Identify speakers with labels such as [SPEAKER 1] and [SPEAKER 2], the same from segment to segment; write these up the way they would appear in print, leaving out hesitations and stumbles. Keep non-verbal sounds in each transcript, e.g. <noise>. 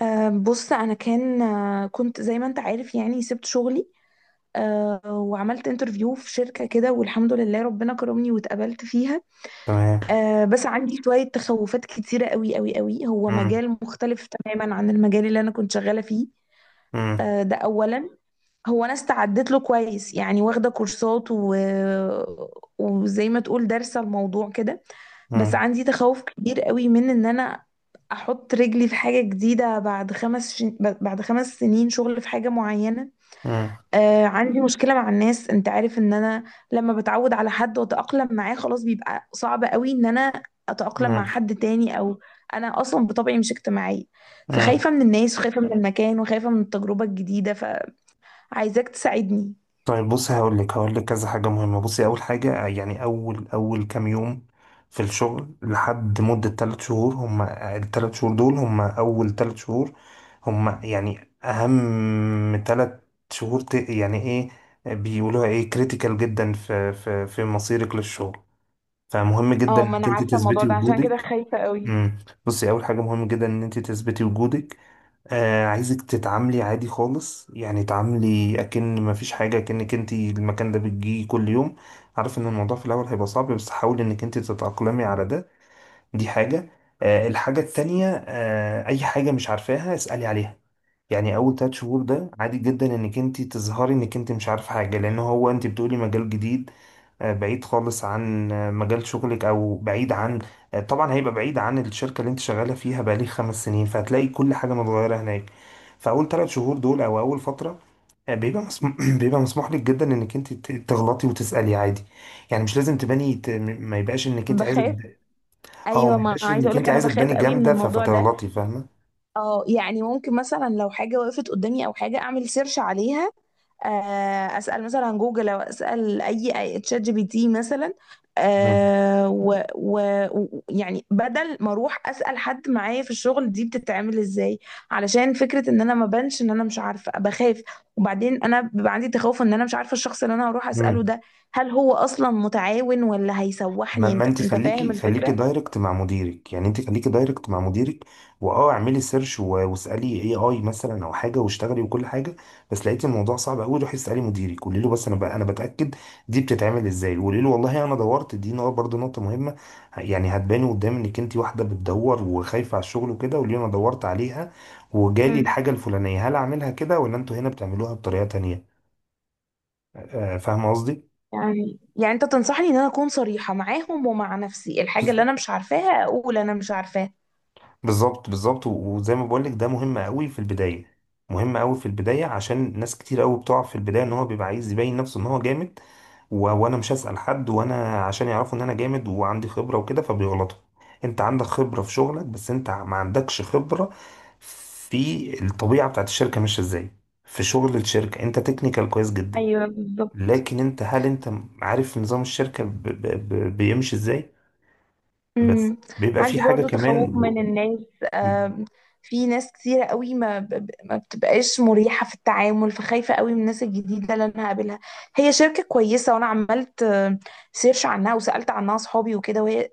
[SPEAKER 1] بص انا كان آه، كنت زي ما انت عارف، يعني سبت شغلي. وعملت انترفيو في شركة كده، والحمد لله ربنا كرمني واتقبلت فيها.
[SPEAKER 2] تمام.
[SPEAKER 1] بس عندي شوية تخوفات كتيرة قوي قوي قوي. هو
[SPEAKER 2] مم.
[SPEAKER 1] مجال مختلف تماما عن المجال اللي انا كنت شغالة فيه.
[SPEAKER 2] مم.
[SPEAKER 1] ده اولا. هو انا استعدت له كويس يعني واخدة كورسات وزي ما تقول دارسة الموضوع كده. بس
[SPEAKER 2] مم.
[SPEAKER 1] عندي تخوف كبير قوي من ان انا احط رجلي في حاجة جديدة، بعد 5 سنين شغل في حاجة معينة.
[SPEAKER 2] مم.
[SPEAKER 1] عندي مشكلة مع الناس. انت عارف ان انا لما بتعود على حد واتأقلم معاه خلاص بيبقى صعب قوي ان انا اتأقلم
[SPEAKER 2] مم.
[SPEAKER 1] مع حد تاني، او انا اصلا بطبعي مش اجتماعية،
[SPEAKER 2] مم.
[SPEAKER 1] فخايفة من الناس وخايفة من المكان وخايفة من التجربة الجديدة، فعايزاك تساعدني.
[SPEAKER 2] طيب بصي، هقول لك كذا حاجة مهمة. بصي، أول حاجة، يعني أول كام يوم في الشغل، لحد مدة 3 شهور، هم ال 3 شهور دول هم أول 3 شهور، هم يعني أهم 3 شهور، يعني إيه بيقولوها؟ إيه، كريتيكال جدا في مصيرك للشغل. فمهم جدا
[SPEAKER 1] اه ما انا
[SPEAKER 2] إنك أنت
[SPEAKER 1] عارفة الموضوع
[SPEAKER 2] تثبتي
[SPEAKER 1] ده، عشان كده
[SPEAKER 2] وجودك.
[SPEAKER 1] خايفة قوي.
[SPEAKER 2] امم. بصي، اول حاجه مهم جدا ان انت تثبتي وجودك. آه، عايزك تتعاملي عادي خالص، يعني تعاملي اكن ما فيش حاجه، اكنك انت المكان ده بتجي كل يوم. عارف ان الموضوع في الاول هيبقى صعب، بس حاولي انك انت تتاقلمي على ده. دي حاجه. آه، الحاجه التانية، آه، اي حاجه مش عارفاها اسالي عليها. يعني اول 3 شهور ده عادي جدا انك انت تظهري انك انت مش عارف حاجه، لان هو انت بتقولي مجال جديد. بعيد خالص عن مجال شغلك، او بعيد عن. طبعا هيبقى بعيد عن الشركه اللي انت شغاله فيها بقالي 5 سنين، فهتلاقي كل حاجه متغيره هناك. فاول 3 شهور دول، او اول فتره، بيبقى مسموح <clears throat> بيبقى مسموح لك جدا انك انت تغلطي وتسالي عادي. يعني مش لازم تباني ما يبقاش انك انت عايزه
[SPEAKER 1] بخاف.
[SPEAKER 2] اه،
[SPEAKER 1] ايوه،
[SPEAKER 2] ما
[SPEAKER 1] ما
[SPEAKER 2] يبقاش
[SPEAKER 1] عايزه
[SPEAKER 2] انك
[SPEAKER 1] اقولك
[SPEAKER 2] انت
[SPEAKER 1] انا
[SPEAKER 2] عايزه
[SPEAKER 1] بخاف
[SPEAKER 2] تباني
[SPEAKER 1] قوي من
[SPEAKER 2] جامده
[SPEAKER 1] الموضوع ده.
[SPEAKER 2] فتغلطي، فاهمه.
[SPEAKER 1] اه يعني ممكن مثلا لو حاجة وقفت قدامي أو حاجة، أعمل سيرش عليها، أسأل مثلا عن جوجل، أو أسأل تشات GPT مثلا.
[SPEAKER 2] مم.
[SPEAKER 1] آه، و و يعني بدل ما أروح أسأل حد معايا في الشغل دي بتتعمل إزاي، علشان فكرة إن أنا ما بانش إن أنا مش عارفة، بخاف. وبعدين أنا بيبقى عندي تخوف إن أنا مش عارفة الشخص اللي أنا هروح أسأله
[SPEAKER 2] مم.
[SPEAKER 1] ده، هل هو أصلا متعاون ولا
[SPEAKER 2] ما,
[SPEAKER 1] هيسوحني؟
[SPEAKER 2] ما
[SPEAKER 1] أنت
[SPEAKER 2] انت
[SPEAKER 1] أنت فاهم
[SPEAKER 2] خليكي
[SPEAKER 1] الفكرة؟
[SPEAKER 2] دايركت مع مديرك، يعني انت خليكي دايركت مع مديرك. واه، اعملي سيرش واسالي اي مثلا، او حاجه، واشتغلي وكل حاجه. بس لقيتي الموضوع صعب قوي، روحي اسالي مديرك، قولي له بس انا بقى انا بتاكد دي بتتعمل ازاي، قولي له والله انا دورت. دي نقطه برضه، نقطه مهمه. يعني هتباني قدام انك انت واحده بتدور وخايفه على الشغل وكده. قولي له انا دورت عليها وجالي
[SPEAKER 1] مم.
[SPEAKER 2] الحاجه الفلانيه، هل اعملها كده ولا انتوا هنا بتعملوها بطريقه تانيه؟ آه، فاهمه قصدي.
[SPEAKER 1] يعني انت تنصحني ان انا اكون صريحة معاهم ومع نفسي، الحاجة اللي انا مش عارفاها اقول انا مش عارفاها.
[SPEAKER 2] بالظبط، بالظبط، وزي ما بقولك ده مهم قوي في البداية. مهم قوي في البداية، عشان ناس كتير قوي بتقع في البداية ان هو بيبقى عايز يبين نفسه ان هو جامد. وانا مش هسأل حد وانا عشان يعرفوا ان انا جامد وعندي خبرة وكده، فبيغلطوا. انت عندك خبرة في شغلك، بس انت ما عندكش خبرة في الطبيعة بتاعت الشركة ماشية ازاي. في شغل الشركة انت تكنيكال كويس جدا.
[SPEAKER 1] ايوه بالظبط.
[SPEAKER 2] لكن انت، هل انت عارف نظام الشركة بيمشي ازاي؟ بس
[SPEAKER 1] امم،
[SPEAKER 2] بيبقى في
[SPEAKER 1] عندي
[SPEAKER 2] حاجة
[SPEAKER 1] برضو تخوف
[SPEAKER 2] كمان.
[SPEAKER 1] من الناس. آم، في ناس كتيرة قوي ما ب- ب- ما بتبقاش مريحة في التعامل، فخايفة قوي من الناس الجديدة اللي انا هقابلها. هي شركة كويسة، وانا عملت سيرش عنها وسألت عنها اصحابي وكده، وهي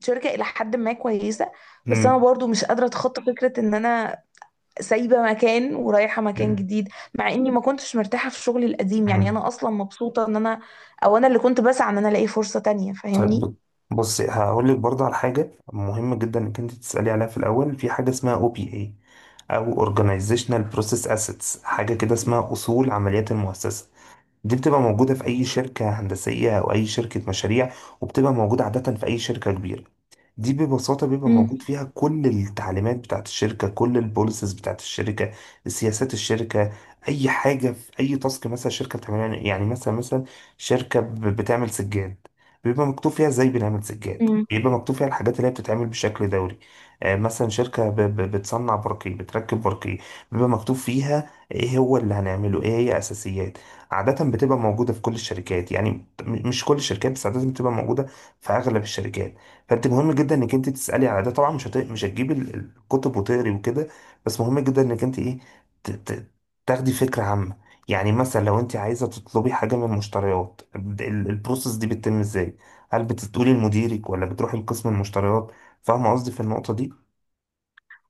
[SPEAKER 1] شركة الى حد ما كويسة. بس
[SPEAKER 2] و...
[SPEAKER 1] انا برضو مش قادرة اتخطى فكرة ان انا سايبة مكان ورايحة مكان
[SPEAKER 2] مم.
[SPEAKER 1] جديد، مع اني ما كنتش مرتاحة في شغلي القديم، يعني
[SPEAKER 2] مم.
[SPEAKER 1] انا اصلا مبسوطة ان انا او انا اللي كنت بسعى ان انا الاقي فرصة تانية، فاهمني.
[SPEAKER 2] طيب، بص هقول لك برضه على حاجة مهمة جدا انك انت تسألي عليها في الأول. في حاجة اسمها OPA، او Organizational Process Assets، حاجة كده اسمها أصول عمليات المؤسسة. دي بتبقى موجودة في أي شركة هندسية أو أي شركة مشاريع، وبتبقى موجودة عادة في أي شركة كبيرة. دي ببساطة بيبقى
[SPEAKER 1] امم،
[SPEAKER 2] موجود فيها كل التعليمات بتاعت الشركة، كل البوليسز بتاعت الشركة، سياسات الشركة. أي حاجة في أي تاسك مثلا الشركة بتعملها، يعني مثلا شركة بتعمل سجاد، بيبقى مكتوب فيها ازاي بنعمل سجاد، بيبقى مكتوب فيها الحاجات اللي هي بتتعمل بشكل دوري. آه، مثلا شركة بتصنع برقي، بتركب برقي، بيبقى مكتوب فيها ايه هو اللي هنعمله، ايه هي اساسيات. عادة بتبقى موجودة في كل الشركات، يعني مش كل الشركات، بس عادة بتبقى موجودة في اغلب الشركات. فانت مهم جدا انك انت تسالي على ده. طبعا مش هتجيب الكتب وتقري وكده، بس مهم جدا انك انت ايه، ت... ت... تاخدي فكره عامه. يعني مثلا لو انت عايزه تطلبي حاجه من المشتريات، البروسيس دي بتتم ازاي؟ هل بتقولي لمديرك ولا بتروحي لقسم المشتريات؟ فاهمه قصدي في النقطه دي.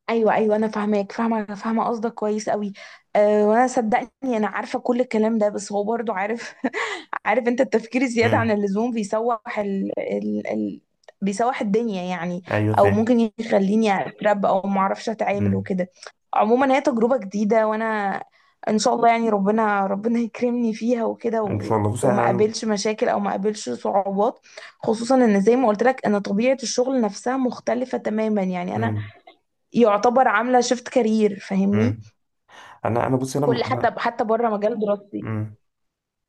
[SPEAKER 1] ايوه ايوه، انا فاهماك، فاهمه، انا فاهمه قصدك كويس قوي. وانا صدقني انا عارفه كل الكلام ده، بس هو برضو عارف <laughs> عارف انت التفكير الزياده عن
[SPEAKER 2] امم.
[SPEAKER 1] اللزوم بيسوح بيسوح الدنيا يعني،
[SPEAKER 2] ايوه،
[SPEAKER 1] او
[SPEAKER 2] فاهم.
[SPEAKER 1] ممكن يخليني اترب او ما اعرفش اتعامل
[SPEAKER 2] امم.
[SPEAKER 1] وكده. عموما هي تجربه جديده، وانا ان شاء الله يعني ربنا ربنا يكرمني فيها وكده،
[SPEAKER 2] ان شاء الله. بصي، انا
[SPEAKER 1] وما
[SPEAKER 2] انا
[SPEAKER 1] قابلش مشاكل او ما قابلش صعوبات، خصوصا ان زي ما قلت لك ان طبيعه الشغل نفسها مختلفه تماما، يعني انا
[SPEAKER 2] امم.
[SPEAKER 1] يعتبر عاملة شيفت كارير، فاهمني.
[SPEAKER 2] امم. انا بصي،
[SPEAKER 1] كل
[SPEAKER 2] انا
[SPEAKER 1] حتى
[SPEAKER 2] انا
[SPEAKER 1] حتى بره مجال دراستي.
[SPEAKER 2] مم.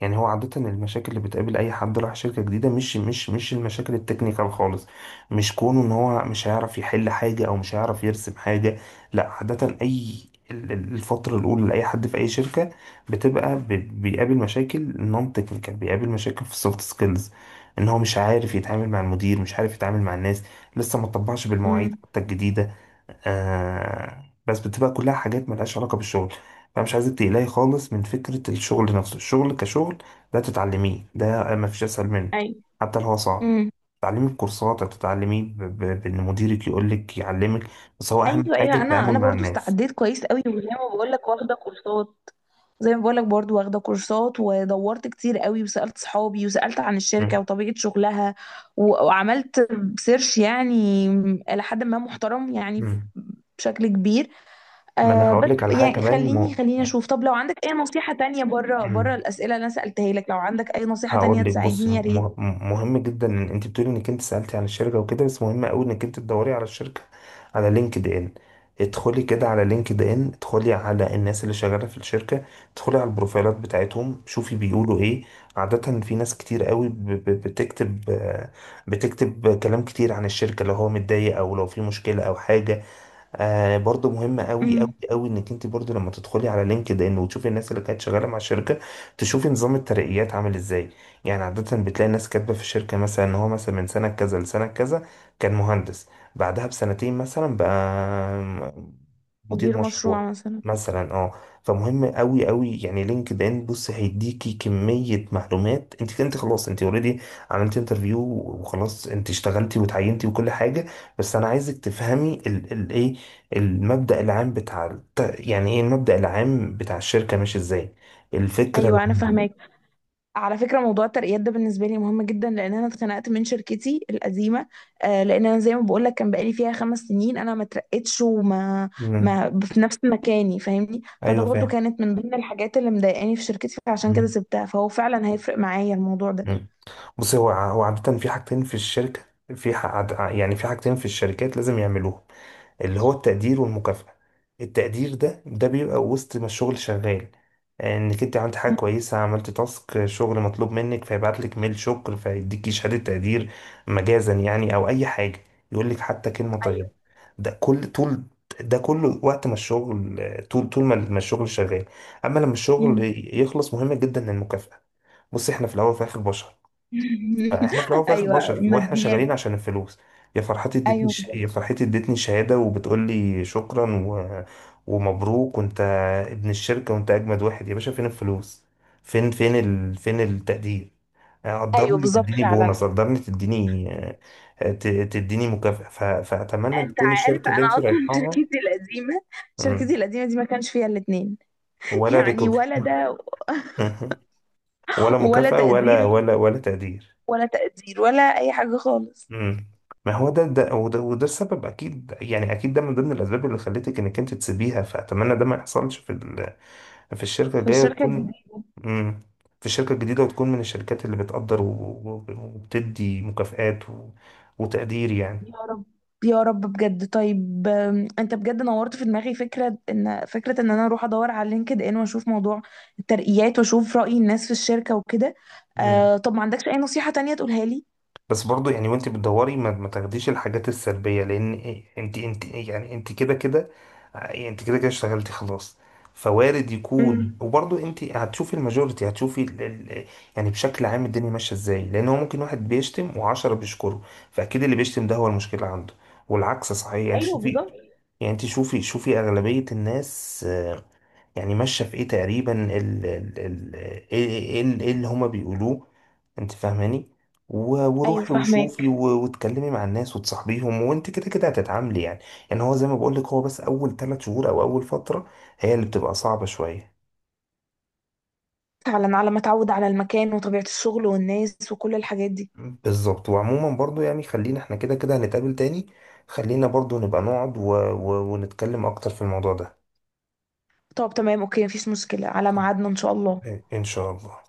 [SPEAKER 2] يعني هو عادة المشاكل اللي بتقابل أي حد راح شركة جديدة مش المشاكل التكنيكال خالص. مش كونه إن هو مش هيعرف يحل حاجة أو مش هيعرف يرسم حاجة. لا، عادة أي، الفترة الأولى لأي حد في أي شركة، بتبقى بيقابل مشاكل نون تكنيكال، بيقابل مشاكل في السوفت سكيلز. إن هو مش عارف يتعامل مع المدير، مش عارف يتعامل مع الناس، لسه ما طبقش بالمواعيد
[SPEAKER 1] امم،
[SPEAKER 2] حتى الجديدة. آه، بس بتبقى كلها حاجات ملهاش علاقة بالشغل. فمش عايزك تقلقي خالص من فكرة الشغل نفسه. الشغل كشغل ده تتعلميه، ده ما فيش أسهل منه،
[SPEAKER 1] ايوه،
[SPEAKER 2] حتى لو هو صعب.
[SPEAKER 1] امم،
[SPEAKER 2] تتعلميه بكورسات، أو تتعلميه بإن مديرك يقولك يعلمك. بس هو أهم
[SPEAKER 1] ايوه،
[SPEAKER 2] حاجة
[SPEAKER 1] ايوه، انا
[SPEAKER 2] التعامل
[SPEAKER 1] انا
[SPEAKER 2] مع
[SPEAKER 1] برضو
[SPEAKER 2] الناس.
[SPEAKER 1] استعديت كويس قوي وزي ما بقول لك واخده كورسات. زي ما بقول لك برضو واخده كورسات ودورت كتير قوي وسألت صحابي وسألت عن الشركة
[SPEAKER 2] مم.
[SPEAKER 1] وطبيعة شغلها، وعملت سيرش يعني إلى حد ما محترم يعني،
[SPEAKER 2] مم.
[SPEAKER 1] بشكل كبير.
[SPEAKER 2] ما أنا
[SPEAKER 1] بس
[SPEAKER 2] هقولك على حاجة
[SPEAKER 1] يعني،
[SPEAKER 2] كمان.
[SPEAKER 1] خليني خليني اشوف، طب لو عندك اي نصيحة تانية بره بره
[SPEAKER 2] مم.
[SPEAKER 1] الأسئلة اللي انا سألتها لك، لو عندك اي نصيحة تانية
[SPEAKER 2] هقول لك، بص،
[SPEAKER 1] تساعدني، يا ريت.
[SPEAKER 2] مهم جدا ان انت بتقولي انك انت سألتي عن الشركه وكده، بس مهم قوي انك انت تدوري على الشركه على لينكد ان. ادخلي كده على لينكد ان، ادخلي على الناس اللي شغاله في الشركه، ادخلي على البروفايلات بتاعتهم، شوفي بيقولوا ايه. عاده في ناس كتير قوي بتكتب، بتكتب كلام كتير عن الشركه لو هو متضايق او لو في مشكله او حاجه. آه، برضو مهم قوي قوي
[SPEAKER 1] امم.
[SPEAKER 2] قوي انك انت برضو لما تدخلي على لينكد ان وتشوفي الناس اللي كانت شغاله مع الشركه، تشوفي نظام الترقيات عامل ازاي. يعني عاده بتلاقي الناس كاتبه في الشركه مثلا ان هو مثلا من سنه كذا لسنه كذا كان مهندس، بعدها ب 2 سنين مثلا بقى م- مدير
[SPEAKER 1] مدير
[SPEAKER 2] مشروع.
[SPEAKER 1] مشروع مثلا.
[SPEAKER 2] مثلا، اه. فمهم قوي قوي، يعني لينكد ان، بص، هيديكي كميه معلومات. انت انت خلاص، انت اوريدي عملت انترفيو، وخلاص انت اشتغلتي وتعينتي وكل حاجه. بس انا عايزك تفهمي الايه، المبدأ العام بتاع يعني ايه المبدأ العام بتاع الشركة ماشي ازاي، الفكرة
[SPEAKER 1] ايوه، انا فاهماك.
[SPEAKER 2] العامة.
[SPEAKER 1] على فكره موضوع الترقيات ده بالنسبه لي مهم جدا، لان انا اتخنقت من شركتي القديمه. لان انا زي ما بقول لك كان بقالي فيها 5 سنين، انا ما اترقتش وما
[SPEAKER 2] مم.
[SPEAKER 1] ما في نفس مكاني، فاهمني. فده
[SPEAKER 2] ايوه
[SPEAKER 1] برضو
[SPEAKER 2] فاهم.
[SPEAKER 1] كانت من ضمن الحاجات اللي مضايقاني في شركتي، فعشان كده
[SPEAKER 2] مم.
[SPEAKER 1] سبتها، فهو فعلا هيفرق معايا الموضوع ده.
[SPEAKER 2] مم. بص، هو هو عادة في حاجتين في الشركة، في يعني في حاجتين في الشركات لازم يعملوهم، اللي هو التقدير والمكافأة. التقدير ده، ده بيبقى وسط ما الشغل شغال، انك انت عملت حاجة
[SPEAKER 1] مم.
[SPEAKER 2] كويسة، عملت تاسك شغل مطلوب منك، فيبعت لك ميل شكر، فيديكي شهادة تقدير، مجازا يعني، او اي حاجة، يقول لك حتى كلمة طيبة.
[SPEAKER 1] ايوه.
[SPEAKER 2] ده كل طول، ده كله وقت ما الشغل، طول ما الشغل شغال. اما لما الشغل
[SPEAKER 1] مم.
[SPEAKER 2] يخلص، مهم جدا المكافأة. بص، احنا في الاول وفي الاخر بشر، فاحنا في الاول
[SPEAKER 1] <laughs>
[SPEAKER 2] وفي الاخر
[SPEAKER 1] ايوه.
[SPEAKER 2] بشر، واحنا
[SPEAKER 1] ماديات.
[SPEAKER 2] شغالين عشان الفلوس.
[SPEAKER 1] ايوه،
[SPEAKER 2] يا فرحتي ادتني شهاده وبتقول لي شكرا ومبروك، وانت ابن الشركه، وانت اجمد واحد يا باشا، فين الفلوس؟ فين فين التقدير؟
[SPEAKER 1] ايوه،
[SPEAKER 2] قدرني،
[SPEAKER 1] بالظبط،
[SPEAKER 2] تديني
[SPEAKER 1] فعلا.
[SPEAKER 2] بونص، قدرني، تديني مكافأة. فأتمنى
[SPEAKER 1] انت
[SPEAKER 2] تكون
[SPEAKER 1] عارف
[SPEAKER 2] الشركة اللي
[SPEAKER 1] انا
[SPEAKER 2] انت
[SPEAKER 1] اصلا <laughs> شركتي
[SPEAKER 2] رايحاها.
[SPEAKER 1] القديمه شركتي
[SPEAKER 2] مم.
[SPEAKER 1] القديمه دي ما كانش فيها الاثنين،
[SPEAKER 2] ولا
[SPEAKER 1] يعني
[SPEAKER 2] ريكوك.
[SPEAKER 1] ولا ده،
[SPEAKER 2] <laughs> ولا
[SPEAKER 1] ولا
[SPEAKER 2] مكافأة ولا
[SPEAKER 1] تقدير،
[SPEAKER 2] تقدير.
[SPEAKER 1] ولا تقدير ولا أي حاجة خالص.
[SPEAKER 2] امم. ما هو ده، وده السبب، اكيد يعني، اكيد ده من ضمن الاسباب اللي خلتك انك انت تسيبيها. فاتمنى ده ما يحصلش في في الشركه
[SPEAKER 1] في
[SPEAKER 2] الجايه،
[SPEAKER 1] الشركة
[SPEAKER 2] وتكون،
[SPEAKER 1] الجديدة.
[SPEAKER 2] امم، في الشركه الجديده، وتكون من الشركات اللي بتقدر وبتدي مكافآت وتقدير يعني.
[SPEAKER 1] يا رب، يا رب بجد. طيب، انت بجد نورت في دماغي فكرة ان، انا اروح ادور على لينكد ان واشوف موضوع الترقيات واشوف رأي الناس في الشركة وكده.
[SPEAKER 2] مم.
[SPEAKER 1] طب ما عندكش اي نصيحة تانية تقولها لي.
[SPEAKER 2] بس برضو يعني وانت بتدوري ما تاخديش الحاجات السلبية، لان إيه، انت انت إيه، يعني انت كده كده، يعني انت كده كده اشتغلتي خلاص، فوارد يكون.
[SPEAKER 1] امم،
[SPEAKER 2] وبرضو انت هتشوفي الماجوريتي، هتشوفي يعني بشكل عام الدنيا ماشية ازاي، لان هو ممكن واحد بيشتم وعشرة بيشكره، فاكيد اللي بيشتم ده هو المشكلة عنده، والعكس صحيح. يعني انت
[SPEAKER 1] ايوه
[SPEAKER 2] شوفي،
[SPEAKER 1] بالظبط.
[SPEAKER 2] يعني انت شوفي اغلبية الناس يعني ماشية في ايه تقريبا، ال ال ال ايه إيه- إيه- إيه اللي هما بيقولوه، انت فاهماني.
[SPEAKER 1] ايوه
[SPEAKER 2] وروحي وشوفي
[SPEAKER 1] فاهماك.
[SPEAKER 2] واتكلمي مع الناس وتصاحبيهم، وانت كده كده هتتعاملي يعني. يعني هو زي ما بقولك، هو بس اول 3 شهور او اول فترة هي اللي بتبقى صعبة شوية.
[SPEAKER 1] فعلا، على ما اتعود على المكان وطبيعة الشغل والناس وكل الحاجات دي.
[SPEAKER 2] بالظبط. وعموما برضو يعني، خلينا احنا كده كده هنتقابل تاني، خلينا برضو نبقى نقعد ونتكلم اكتر في الموضوع ده.
[SPEAKER 1] طب تمام اوكي، مفيش مشكلة على
[SPEAKER 2] خ-
[SPEAKER 1] ميعادنا ان شاء الله.
[SPEAKER 2] ان شاء الله.